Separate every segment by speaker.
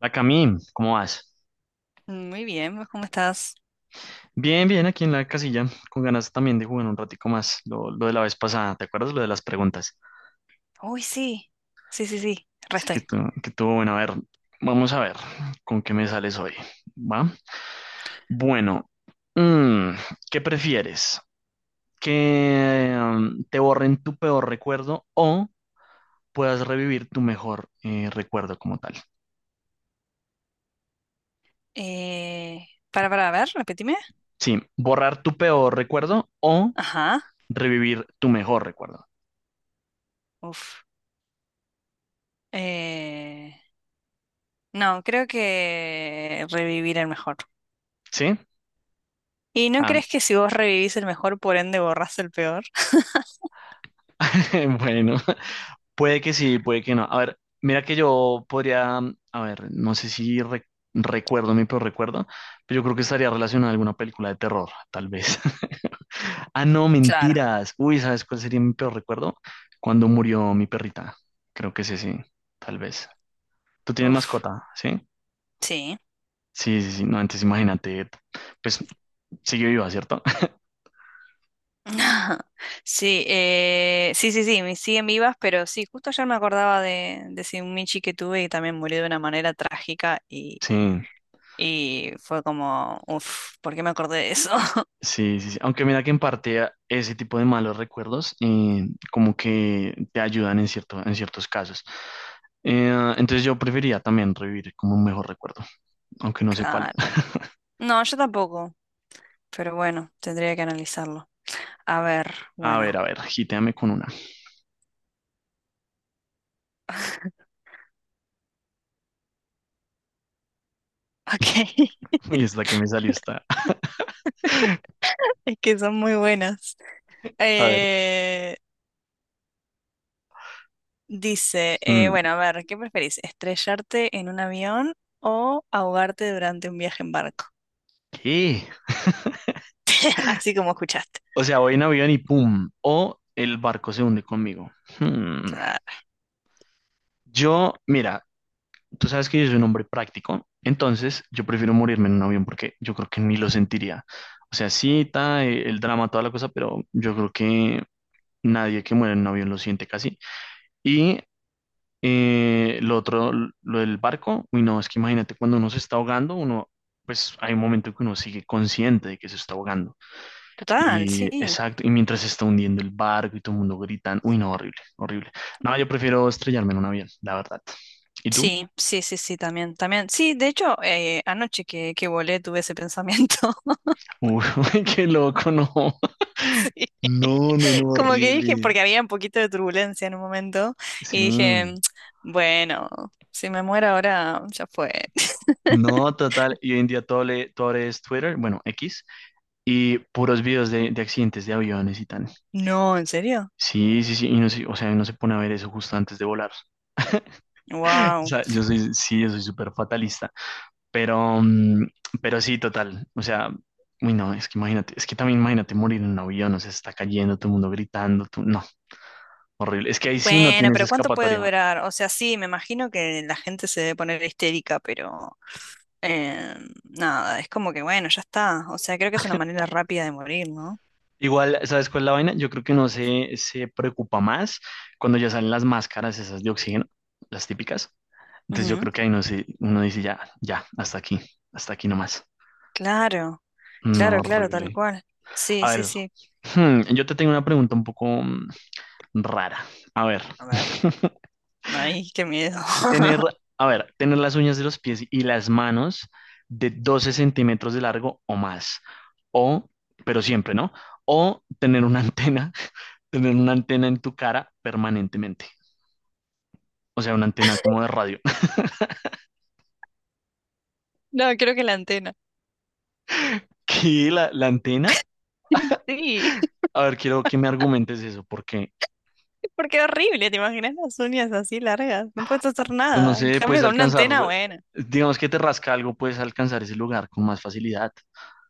Speaker 1: La Camín, ¿cómo vas?
Speaker 2: Muy bien, pues, ¿cómo estás?
Speaker 1: Bien, bien, aquí en la casilla, con ganas también de jugar un ratico más, lo de la vez pasada, ¿te acuerdas lo de las preguntas?
Speaker 2: Uy, sí, sí, sí, sí,
Speaker 1: Así que
Speaker 2: resté.
Speaker 1: tú, que tú, bueno, a ver, vamos a ver con qué me sales hoy, ¿va? Bueno, mm, ¿qué prefieres? ¿Que te borren tu peor recuerdo o puedas revivir tu mejor recuerdo como tal?
Speaker 2: Para, a ver, repetime.
Speaker 1: Sí, borrar tu peor recuerdo o
Speaker 2: Ajá,
Speaker 1: revivir tu mejor recuerdo,
Speaker 2: uf. Eh, no, creo que revivir el mejor.
Speaker 1: ¿sí?
Speaker 2: ¿Y no
Speaker 1: Ah,
Speaker 2: crees que si vos revivís el mejor, por ende borrás el peor?
Speaker 1: bueno, puede que sí, puede que no. A ver, mira que yo podría, a ver, no sé si recuerdo mi peor recuerdo, pero yo creo que estaría relacionado a alguna película de terror, tal vez. Ah, no,
Speaker 2: Claro,
Speaker 1: mentiras. Uy, ¿sabes cuál sería mi peor recuerdo? Cuando murió mi perrita. Creo que sí, sí, tal vez. ¿Tú tienes
Speaker 2: uf,
Speaker 1: mascota? ¿Sí?
Speaker 2: sí.
Speaker 1: Sí, sí, sí. No, antes imagínate, pues sigue viva, ¿cierto?
Speaker 2: Sí, sí, sí, sí, me siguen vivas, pero sí, justo ayer me acordaba de ese Michi que tuve y también murió de una manera trágica. y
Speaker 1: Sí.
Speaker 2: Y fue como, uff, ¿por qué me acordé de eso?
Speaker 1: Sí, sí, sí. Aunque mira que en parte ese tipo de malos recuerdos como que te ayudan en ciertos casos. Eh, entonces yo preferiría también revivir como un mejor recuerdo, aunque no sé cuál.
Speaker 2: Claro. No, yo tampoco, pero bueno, tendría que analizarlo. A ver, bueno.
Speaker 1: A ver, gíteame con una.
Speaker 2: Ok,
Speaker 1: Uy, esta que me salió está.
Speaker 2: es que son muy buenas.
Speaker 1: A ver.
Speaker 2: Eh, dice,
Speaker 1: Mm,
Speaker 2: bueno, a ver, ¿qué preferís? ¿Estrellarte en un avión o ahogarte durante un viaje en barco?
Speaker 1: ¿Qué?
Speaker 2: Así como escuchaste.
Speaker 1: O sea, voy en avión y pum. O el barco se hunde conmigo. Hmm.
Speaker 2: Claro.
Speaker 1: Mira, tú sabes que yo soy un hombre práctico, entonces yo prefiero morirme en un avión porque yo creo que ni lo sentiría. O sea, sí está el drama, toda la cosa, pero yo creo que nadie que muere en un avión lo siente casi. Y eh, lo otro, lo del barco, uy, no, es que imagínate cuando uno se está ahogando, uno, pues hay un momento en que uno sigue consciente de que se está ahogando.
Speaker 2: Total,
Speaker 1: Y
Speaker 2: sí.
Speaker 1: exacto, y mientras se está hundiendo el barco y todo el mundo gritan, uy, no, horrible, horrible. No, yo prefiero estrellarme en un avión, la verdad. ¿Y tú?
Speaker 2: Sí, sí, sí, sí, también, también. Sí, de hecho, anoche que volé tuve ese pensamiento.
Speaker 1: Uy, qué loco, no.
Speaker 2: Sí.
Speaker 1: No, no, no,
Speaker 2: Como que dije,
Speaker 1: horrible.
Speaker 2: porque había un poquito de turbulencia en un momento,
Speaker 1: Sí.
Speaker 2: y dije, bueno, si me muero ahora, ya fue.
Speaker 1: No, total. Y hoy en día todo es Twitter, bueno, X, y puros videos de accidentes de aviones y tal.
Speaker 2: No, ¿en serio?
Speaker 1: Sí, sí, sí. Y no, o sea, uno se pone a ver eso justo antes de volar. O
Speaker 2: Wow.
Speaker 1: sea, sí, yo soy súper fatalista. Pero, mm, pero sí, total. O sea, uy, no, es que imagínate, es que también imagínate morir en un avión, o sea, se está cayendo, todo el mundo gritando, tú, no, horrible. Es que ahí sí no
Speaker 2: Bueno,
Speaker 1: tienes
Speaker 2: pero ¿cuánto puede
Speaker 1: escapatoria.
Speaker 2: durar? O sea, sí, me imagino que la gente se debe poner histérica, pero eh, nada, es como que bueno, ya está. O sea, creo que es una manera rápida de morir, ¿no?
Speaker 1: Igual, ¿sabes cuál es la vaina? Yo creo que uno se preocupa más cuando ya salen las máscaras esas de oxígeno, las típicas. Entonces yo
Speaker 2: Ujú.
Speaker 1: creo que ahí no se, uno dice ya, ya, hasta aquí nomás.
Speaker 2: Claro,
Speaker 1: No,
Speaker 2: claro, claro, tal
Speaker 1: horrible.
Speaker 2: cual. Sí,
Speaker 1: A
Speaker 2: sí,
Speaker 1: ver,
Speaker 2: sí.
Speaker 1: yo te tengo una pregunta un poco rara. A ver,
Speaker 2: A ver, ay, qué miedo.
Speaker 1: tener, a ver, tener las uñas de los pies y las manos de 12 centímetros de largo o más. O, pero siempre, ¿no? O tener una antena tener una antena en tu cara permanentemente. O sea, una antena como de radio.
Speaker 2: No, creo que la antena.
Speaker 1: ¿Qué? La antena,
Speaker 2: Sí.
Speaker 1: a ver, quiero que me argumentes eso, porque
Speaker 2: Porque horrible, ¿te imaginas las uñas así largas? No puedes hacer
Speaker 1: pues, no
Speaker 2: nada. En
Speaker 1: sé, puedes
Speaker 2: cambio, con una
Speaker 1: alcanzar,
Speaker 2: antena, bueno.
Speaker 1: digamos que te rasca algo, puedes alcanzar ese lugar con más facilidad.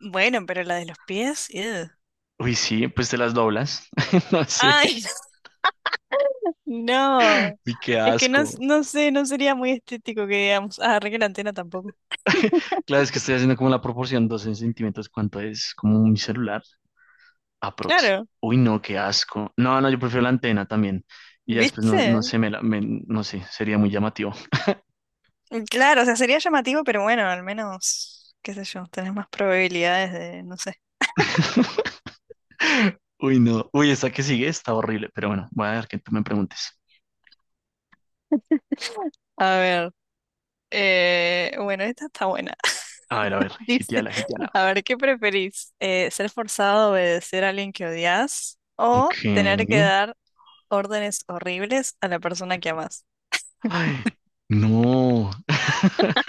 Speaker 2: Bueno, pero la de los pies, ugh.
Speaker 1: Uy, sí, pues te las doblas. No sé,
Speaker 2: Ay, no.
Speaker 1: y qué
Speaker 2: Es que no,
Speaker 1: asco.
Speaker 2: no sé, no sería muy estético que digamos, ah, arregle la antena tampoco.
Speaker 1: Claro, es que estoy haciendo como la proporción 12 centímetros, ¿cuánto es? Como mi celular, aprox.
Speaker 2: Claro,
Speaker 1: Uy, no, qué asco. No, no, yo prefiero la antena también. Y ya después, no, no
Speaker 2: ¿viste?
Speaker 1: sé, no sé, sería muy llamativo.
Speaker 2: Claro, o sea, sería llamativo, pero bueno, al menos, qué sé yo, tenés más probabilidades de, no sé.
Speaker 1: Uy, no. Uy, esta que sigue está horrible, pero bueno, voy a ver que tú me preguntes.
Speaker 2: A ver, bueno, esta está buena.
Speaker 1: A ver,
Speaker 2: Dice,
Speaker 1: gitiala, gitiala.
Speaker 2: a ver, ¿qué preferís? ¿Ser forzado a obedecer a alguien que odias o
Speaker 1: Ok.
Speaker 2: tener que dar órdenes horribles a la persona que amas?
Speaker 1: Ay, no.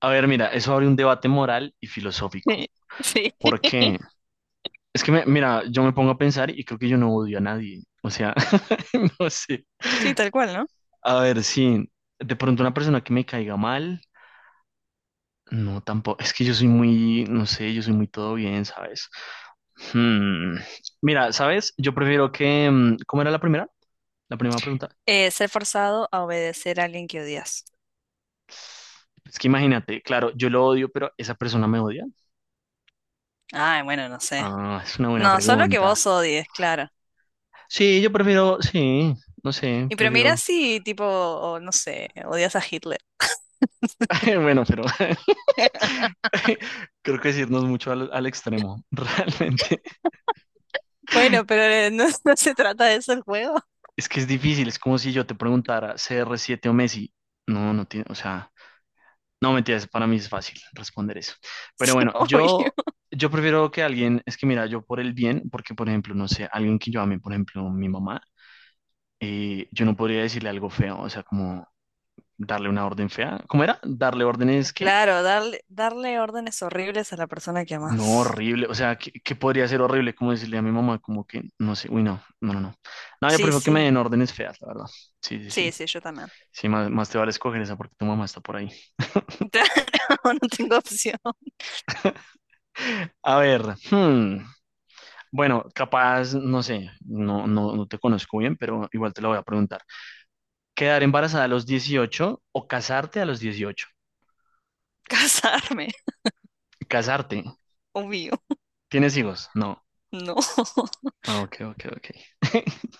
Speaker 1: A ver, mira, eso abre un debate moral y filosófico.
Speaker 2: Sí, sí,
Speaker 1: ¿Por qué? Es que, mira, yo me pongo a pensar y creo que yo no odio a nadie. O sea, no sé.
Speaker 2: sí, tal cual, ¿no?
Speaker 1: A ver, sí, de pronto una persona que me caiga mal, no, tampoco. Es que yo soy muy, no sé, yo soy muy todo bien, ¿sabes? Hmm, Mira, ¿sabes? Yo prefiero que... ¿Cómo era la primera? La primera pregunta.
Speaker 2: Ser forzado a obedecer a alguien que odias.
Speaker 1: Es que imagínate, claro, yo lo odio, pero esa persona me odia.
Speaker 2: Ay, bueno, no sé.
Speaker 1: Ah, es una buena
Speaker 2: No, solo que
Speaker 1: pregunta.
Speaker 2: vos odies, claro.
Speaker 1: Sí, yo prefiero, sí, no sé,
Speaker 2: Y pero mira
Speaker 1: prefiero.
Speaker 2: si, tipo, o no sé, odias a Hitler.
Speaker 1: Bueno, pero creo que decirnos mucho al extremo, realmente.
Speaker 2: Bueno, pero no, no se trata de eso el juego.
Speaker 1: Es que es difícil, es como si yo te preguntara CR7 o Messi. No, no tiene, o sea, no, mentiras, para mí es fácil responder eso. Pero
Speaker 2: Sí,
Speaker 1: bueno,
Speaker 2: obvio.
Speaker 1: yo prefiero que alguien, es que mira, yo por el bien, porque por ejemplo, no sé, alguien que yo ame, por ejemplo, mi mamá, yo no podría decirle algo feo, o sea, como darle una orden fea. ¿Cómo era? ¿Darle órdenes qué?
Speaker 2: Claro, darle, darle órdenes horribles a la persona que
Speaker 1: No,
Speaker 2: amas.
Speaker 1: horrible, o sea, ¿qué podría ser horrible? Como decirle a mi mamá, como que, no sé, uy, no, no, no, no. No, yo
Speaker 2: Sí,
Speaker 1: prefiero que me
Speaker 2: sí,
Speaker 1: den órdenes feas, la verdad. Sí, sí, sí.
Speaker 2: sí, sí, yo también.
Speaker 1: Sí, más, más te vale escoger esa porque tu mamá está por ahí.
Speaker 2: Claro, no tengo opción.
Speaker 1: A ver, hmm. Bueno, capaz, no sé, no, no, no te conozco bien, pero igual te lo voy a preguntar. ¿Quedar embarazada a los 18 o casarte a los 18?
Speaker 2: Casarme,
Speaker 1: Casarte.
Speaker 2: obvio.
Speaker 1: ¿Tienes hijos? No.
Speaker 2: No.
Speaker 1: Ah, ok, ok, ok.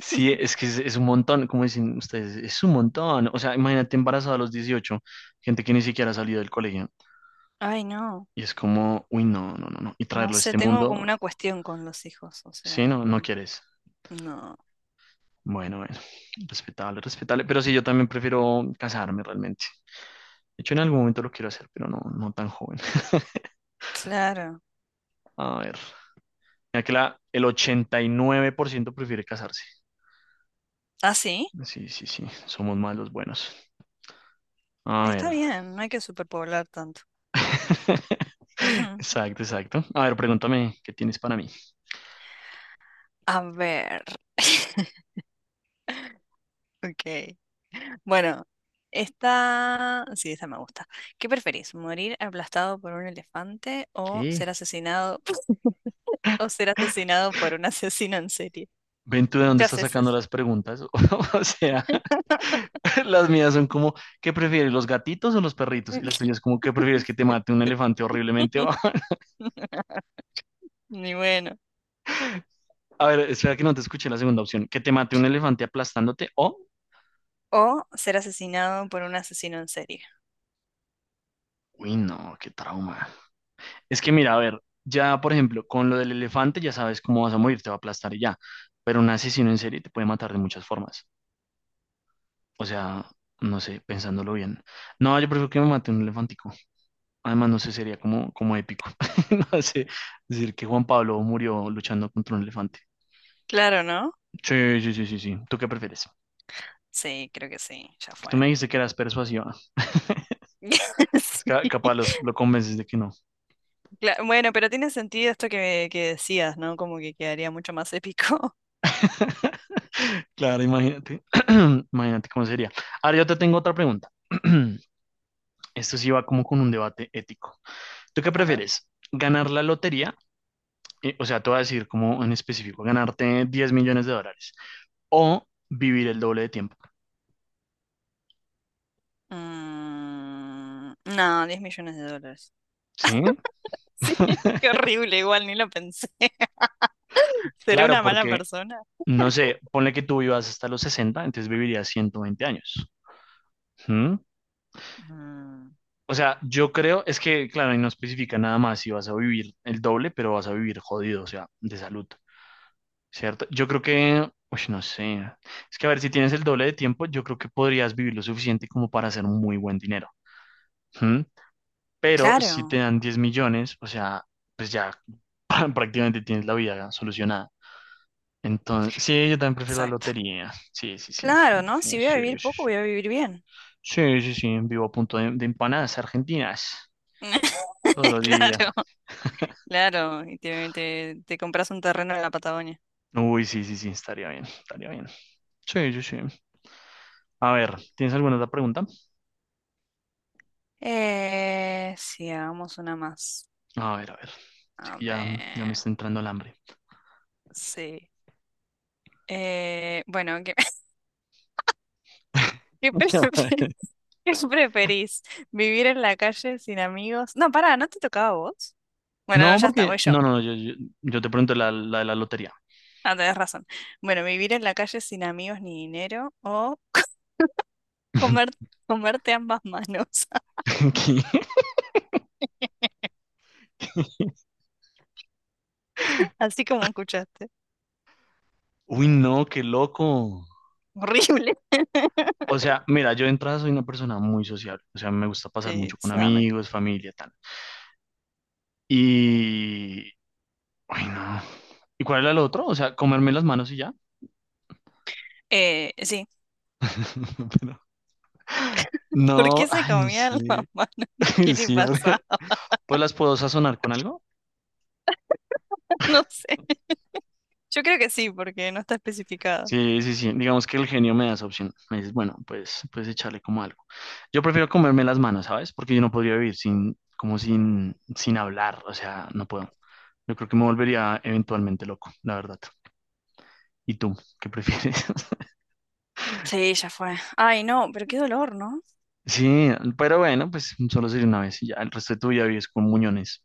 Speaker 1: Sí, es que es un montón, como dicen ustedes, es un montón. O sea, imagínate embarazada a los 18, gente que ni siquiera ha salido del colegio.
Speaker 2: Ay, no.
Speaker 1: Y es como, uy, no, no, no, no. Y
Speaker 2: No
Speaker 1: traerlo a
Speaker 2: sé,
Speaker 1: este
Speaker 2: tengo
Speaker 1: mundo,
Speaker 2: como una cuestión con los hijos, o
Speaker 1: sí,
Speaker 2: sea,
Speaker 1: no, no quieres.
Speaker 2: no.
Speaker 1: Bueno, bueno, respetable, respetable. Pero sí, yo también prefiero casarme realmente. De hecho, en algún momento lo quiero hacer, pero no, no tan joven.
Speaker 2: Claro.
Speaker 1: A ver. Mira que el 89% prefiere casarse.
Speaker 2: Ah, sí,
Speaker 1: Sí, sí, sí. Somos más los buenos. A
Speaker 2: está
Speaker 1: ver.
Speaker 2: bien, no hay que superpoblar tanto. Ujú.
Speaker 1: Exacto, exacto. A ver, pregúntame, ¿qué tienes para mí?
Speaker 2: A ver. Ok. Bueno, esta, sí, esta me gusta. ¿Qué preferís? ¿Morir aplastado por un elefante
Speaker 1: ¿Qué?
Speaker 2: o ser asesinado por un asesino en serie?
Speaker 1: ¿Ven tú de dónde
Speaker 2: Muchas
Speaker 1: estás sacando
Speaker 2: veces.
Speaker 1: las preguntas? O sea, las mías son como, ¿qué prefieres, los gatitos o los perritos? Y la tuya es como, ¿qué prefieres que te
Speaker 2: Sí.
Speaker 1: mate un elefante horriblemente?
Speaker 2: Ni bueno.
Speaker 1: A ver, espera que no te escuché la segunda opción. Que te mate un elefante aplastándote o...
Speaker 2: O ser asesinado por un asesino en serie.
Speaker 1: Uy, no, qué trauma. Es que mira, a ver, ya por ejemplo, con lo del elefante ya sabes cómo vas a morir, te va a aplastar y ya. Pero un asesino en serie te puede matar de muchas formas. O sea, no sé, pensándolo bien. No, yo prefiero que me mate un elefantico. Además, no sé, sería como épico. No sé, decir que Juan Pablo murió luchando contra un elefante.
Speaker 2: Claro, ¿no?
Speaker 1: Sí, sí, sí, sí, sí. ¿Tú qué prefieres?
Speaker 2: Sí, creo que sí, ya
Speaker 1: Que
Speaker 2: fue.
Speaker 1: tú me dijiste que eras persuasiva. Es
Speaker 2: Sí,
Speaker 1: capaz lo convences de que no.
Speaker 2: bueno, pero tiene sentido esto que decías, ¿no? Como que quedaría mucho más épico.
Speaker 1: Claro, imagínate. Imagínate cómo sería. Ahora yo te tengo otra pregunta. Esto sí va como con un debate ético. ¿Tú qué
Speaker 2: A ver.
Speaker 1: prefieres? ¿Ganar la lotería? O sea, te voy a decir como en específico, ganarte 10 millones de dólares o vivir el doble de tiempo.
Speaker 2: Mm, no, 10 millones de dólares.
Speaker 1: ¿Sí?
Speaker 2: Sí, qué horrible, igual ni lo pensé. ¿Seré
Speaker 1: Claro,
Speaker 2: una mala
Speaker 1: porque,
Speaker 2: persona?
Speaker 1: no sé, ponle que tú vivas hasta los 60, entonces vivirías 120 años. ¿Mm?
Speaker 2: Mm.
Speaker 1: O sea, yo creo, es que, claro, y no especifica nada más si vas a vivir el doble, pero vas a vivir jodido, o sea, de salud. ¿Cierto? Yo creo que, uy, no sé, es que a ver, si tienes el doble de tiempo, yo creo que podrías vivir lo suficiente como para hacer muy buen dinero. ¿Mm? Pero si te
Speaker 2: Claro,
Speaker 1: dan 10 millones, o sea, pues ya prácticamente tienes la vida solucionada. Entonces, sí, yo también prefiero la
Speaker 2: exacto.
Speaker 1: lotería. Sí, sí, sí.
Speaker 2: Claro, ¿no? Si voy a
Speaker 1: Sí, sí,
Speaker 2: vivir poco,
Speaker 1: sí.
Speaker 2: voy a vivir bien.
Speaker 1: Sí, sí, sí. Vivo a punto de empanadas argentinas todos los días.
Speaker 2: Claro, claro. Y te compras un terreno en la Patagonia.
Speaker 1: Uy, sí, sí, sí, estaría bien, estaría bien. Sí, sí, sí. A ver, ¿tienes alguna otra pregunta?
Speaker 2: Sí, hagamos una más.
Speaker 1: A ver, a ver. Así
Speaker 2: A
Speaker 1: que ya, ya me
Speaker 2: ver,
Speaker 1: está entrando el hambre.
Speaker 2: sí. Bueno, ¿qué, qué pre- qué preferís? ¿Vivir en la calle sin amigos? No, pará, ¿no te tocaba a vos? Bueno, no,
Speaker 1: No,
Speaker 2: ya está,
Speaker 1: porque.
Speaker 2: voy yo.
Speaker 1: No, no, no, yo te pregunto la de la lotería.
Speaker 2: Ah, tenés razón. Bueno, vivir en la calle sin amigos ni dinero o comer, comerte ambas manos.
Speaker 1: ¿Qué?
Speaker 2: Así como escuchaste.
Speaker 1: Uy, no, qué loco.
Speaker 2: Horrible.
Speaker 1: O sea, mira, yo de entrada soy una persona muy sociable. O sea, me gusta pasar mucho
Speaker 2: Sí,
Speaker 1: con
Speaker 2: sabe.
Speaker 1: amigos, familia, tal. Y. Uy, no. ¿Y cuál era el otro? O sea, comerme las manos y ya.
Speaker 2: Sí.
Speaker 1: Pero-
Speaker 2: ¿Por
Speaker 1: No,
Speaker 2: qué se
Speaker 1: ay, no
Speaker 2: comía la
Speaker 1: sé.
Speaker 2: mano? ¿Qué le
Speaker 1: Sí,
Speaker 2: pasa?
Speaker 1: pues las puedo sazonar con algo.
Speaker 2: No sé. Yo creo que sí, porque no está especificado.
Speaker 1: Sí, sí, sí. Digamos que el genio me da esa opción. Me dices, bueno, pues echarle como algo. Yo prefiero comerme las manos, ¿sabes? Porque yo no podría vivir sin, como sin, sin hablar. O sea, no puedo. Yo creo que me volvería eventualmente loco, la verdad. ¿Y tú? ¿Qué prefieres?
Speaker 2: Sí, ya fue. Ay, no, pero qué dolor, ¿no?
Speaker 1: Sí, pero bueno, pues solo sería una vez y ya. El resto de tu vida vives con muñones.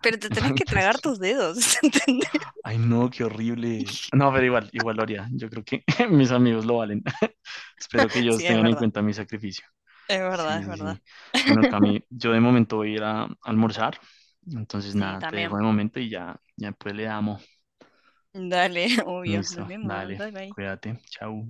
Speaker 2: Pero te tenés que
Speaker 1: Pues,
Speaker 2: tragar tus dedos, ¿entendés?
Speaker 1: ay, no, qué horrible. No, pero igual, igual lo haría. Yo creo que mis amigos lo valen. Espero que ellos
Speaker 2: Sí, es
Speaker 1: tengan en
Speaker 2: verdad.
Speaker 1: cuenta mi sacrificio.
Speaker 2: Es verdad,
Speaker 1: Sí,
Speaker 2: es
Speaker 1: sí,
Speaker 2: verdad.
Speaker 1: sí. Bueno, Cami, yo de momento voy a ir a almorzar. Entonces,
Speaker 2: Sí,
Speaker 1: nada, te dejo
Speaker 2: también.
Speaker 1: de momento y ya, ya después le damos.
Speaker 2: Dale, obvio. Nos
Speaker 1: Listo,
Speaker 2: vemos.
Speaker 1: dale,
Speaker 2: Bye bye.
Speaker 1: cuídate, chao.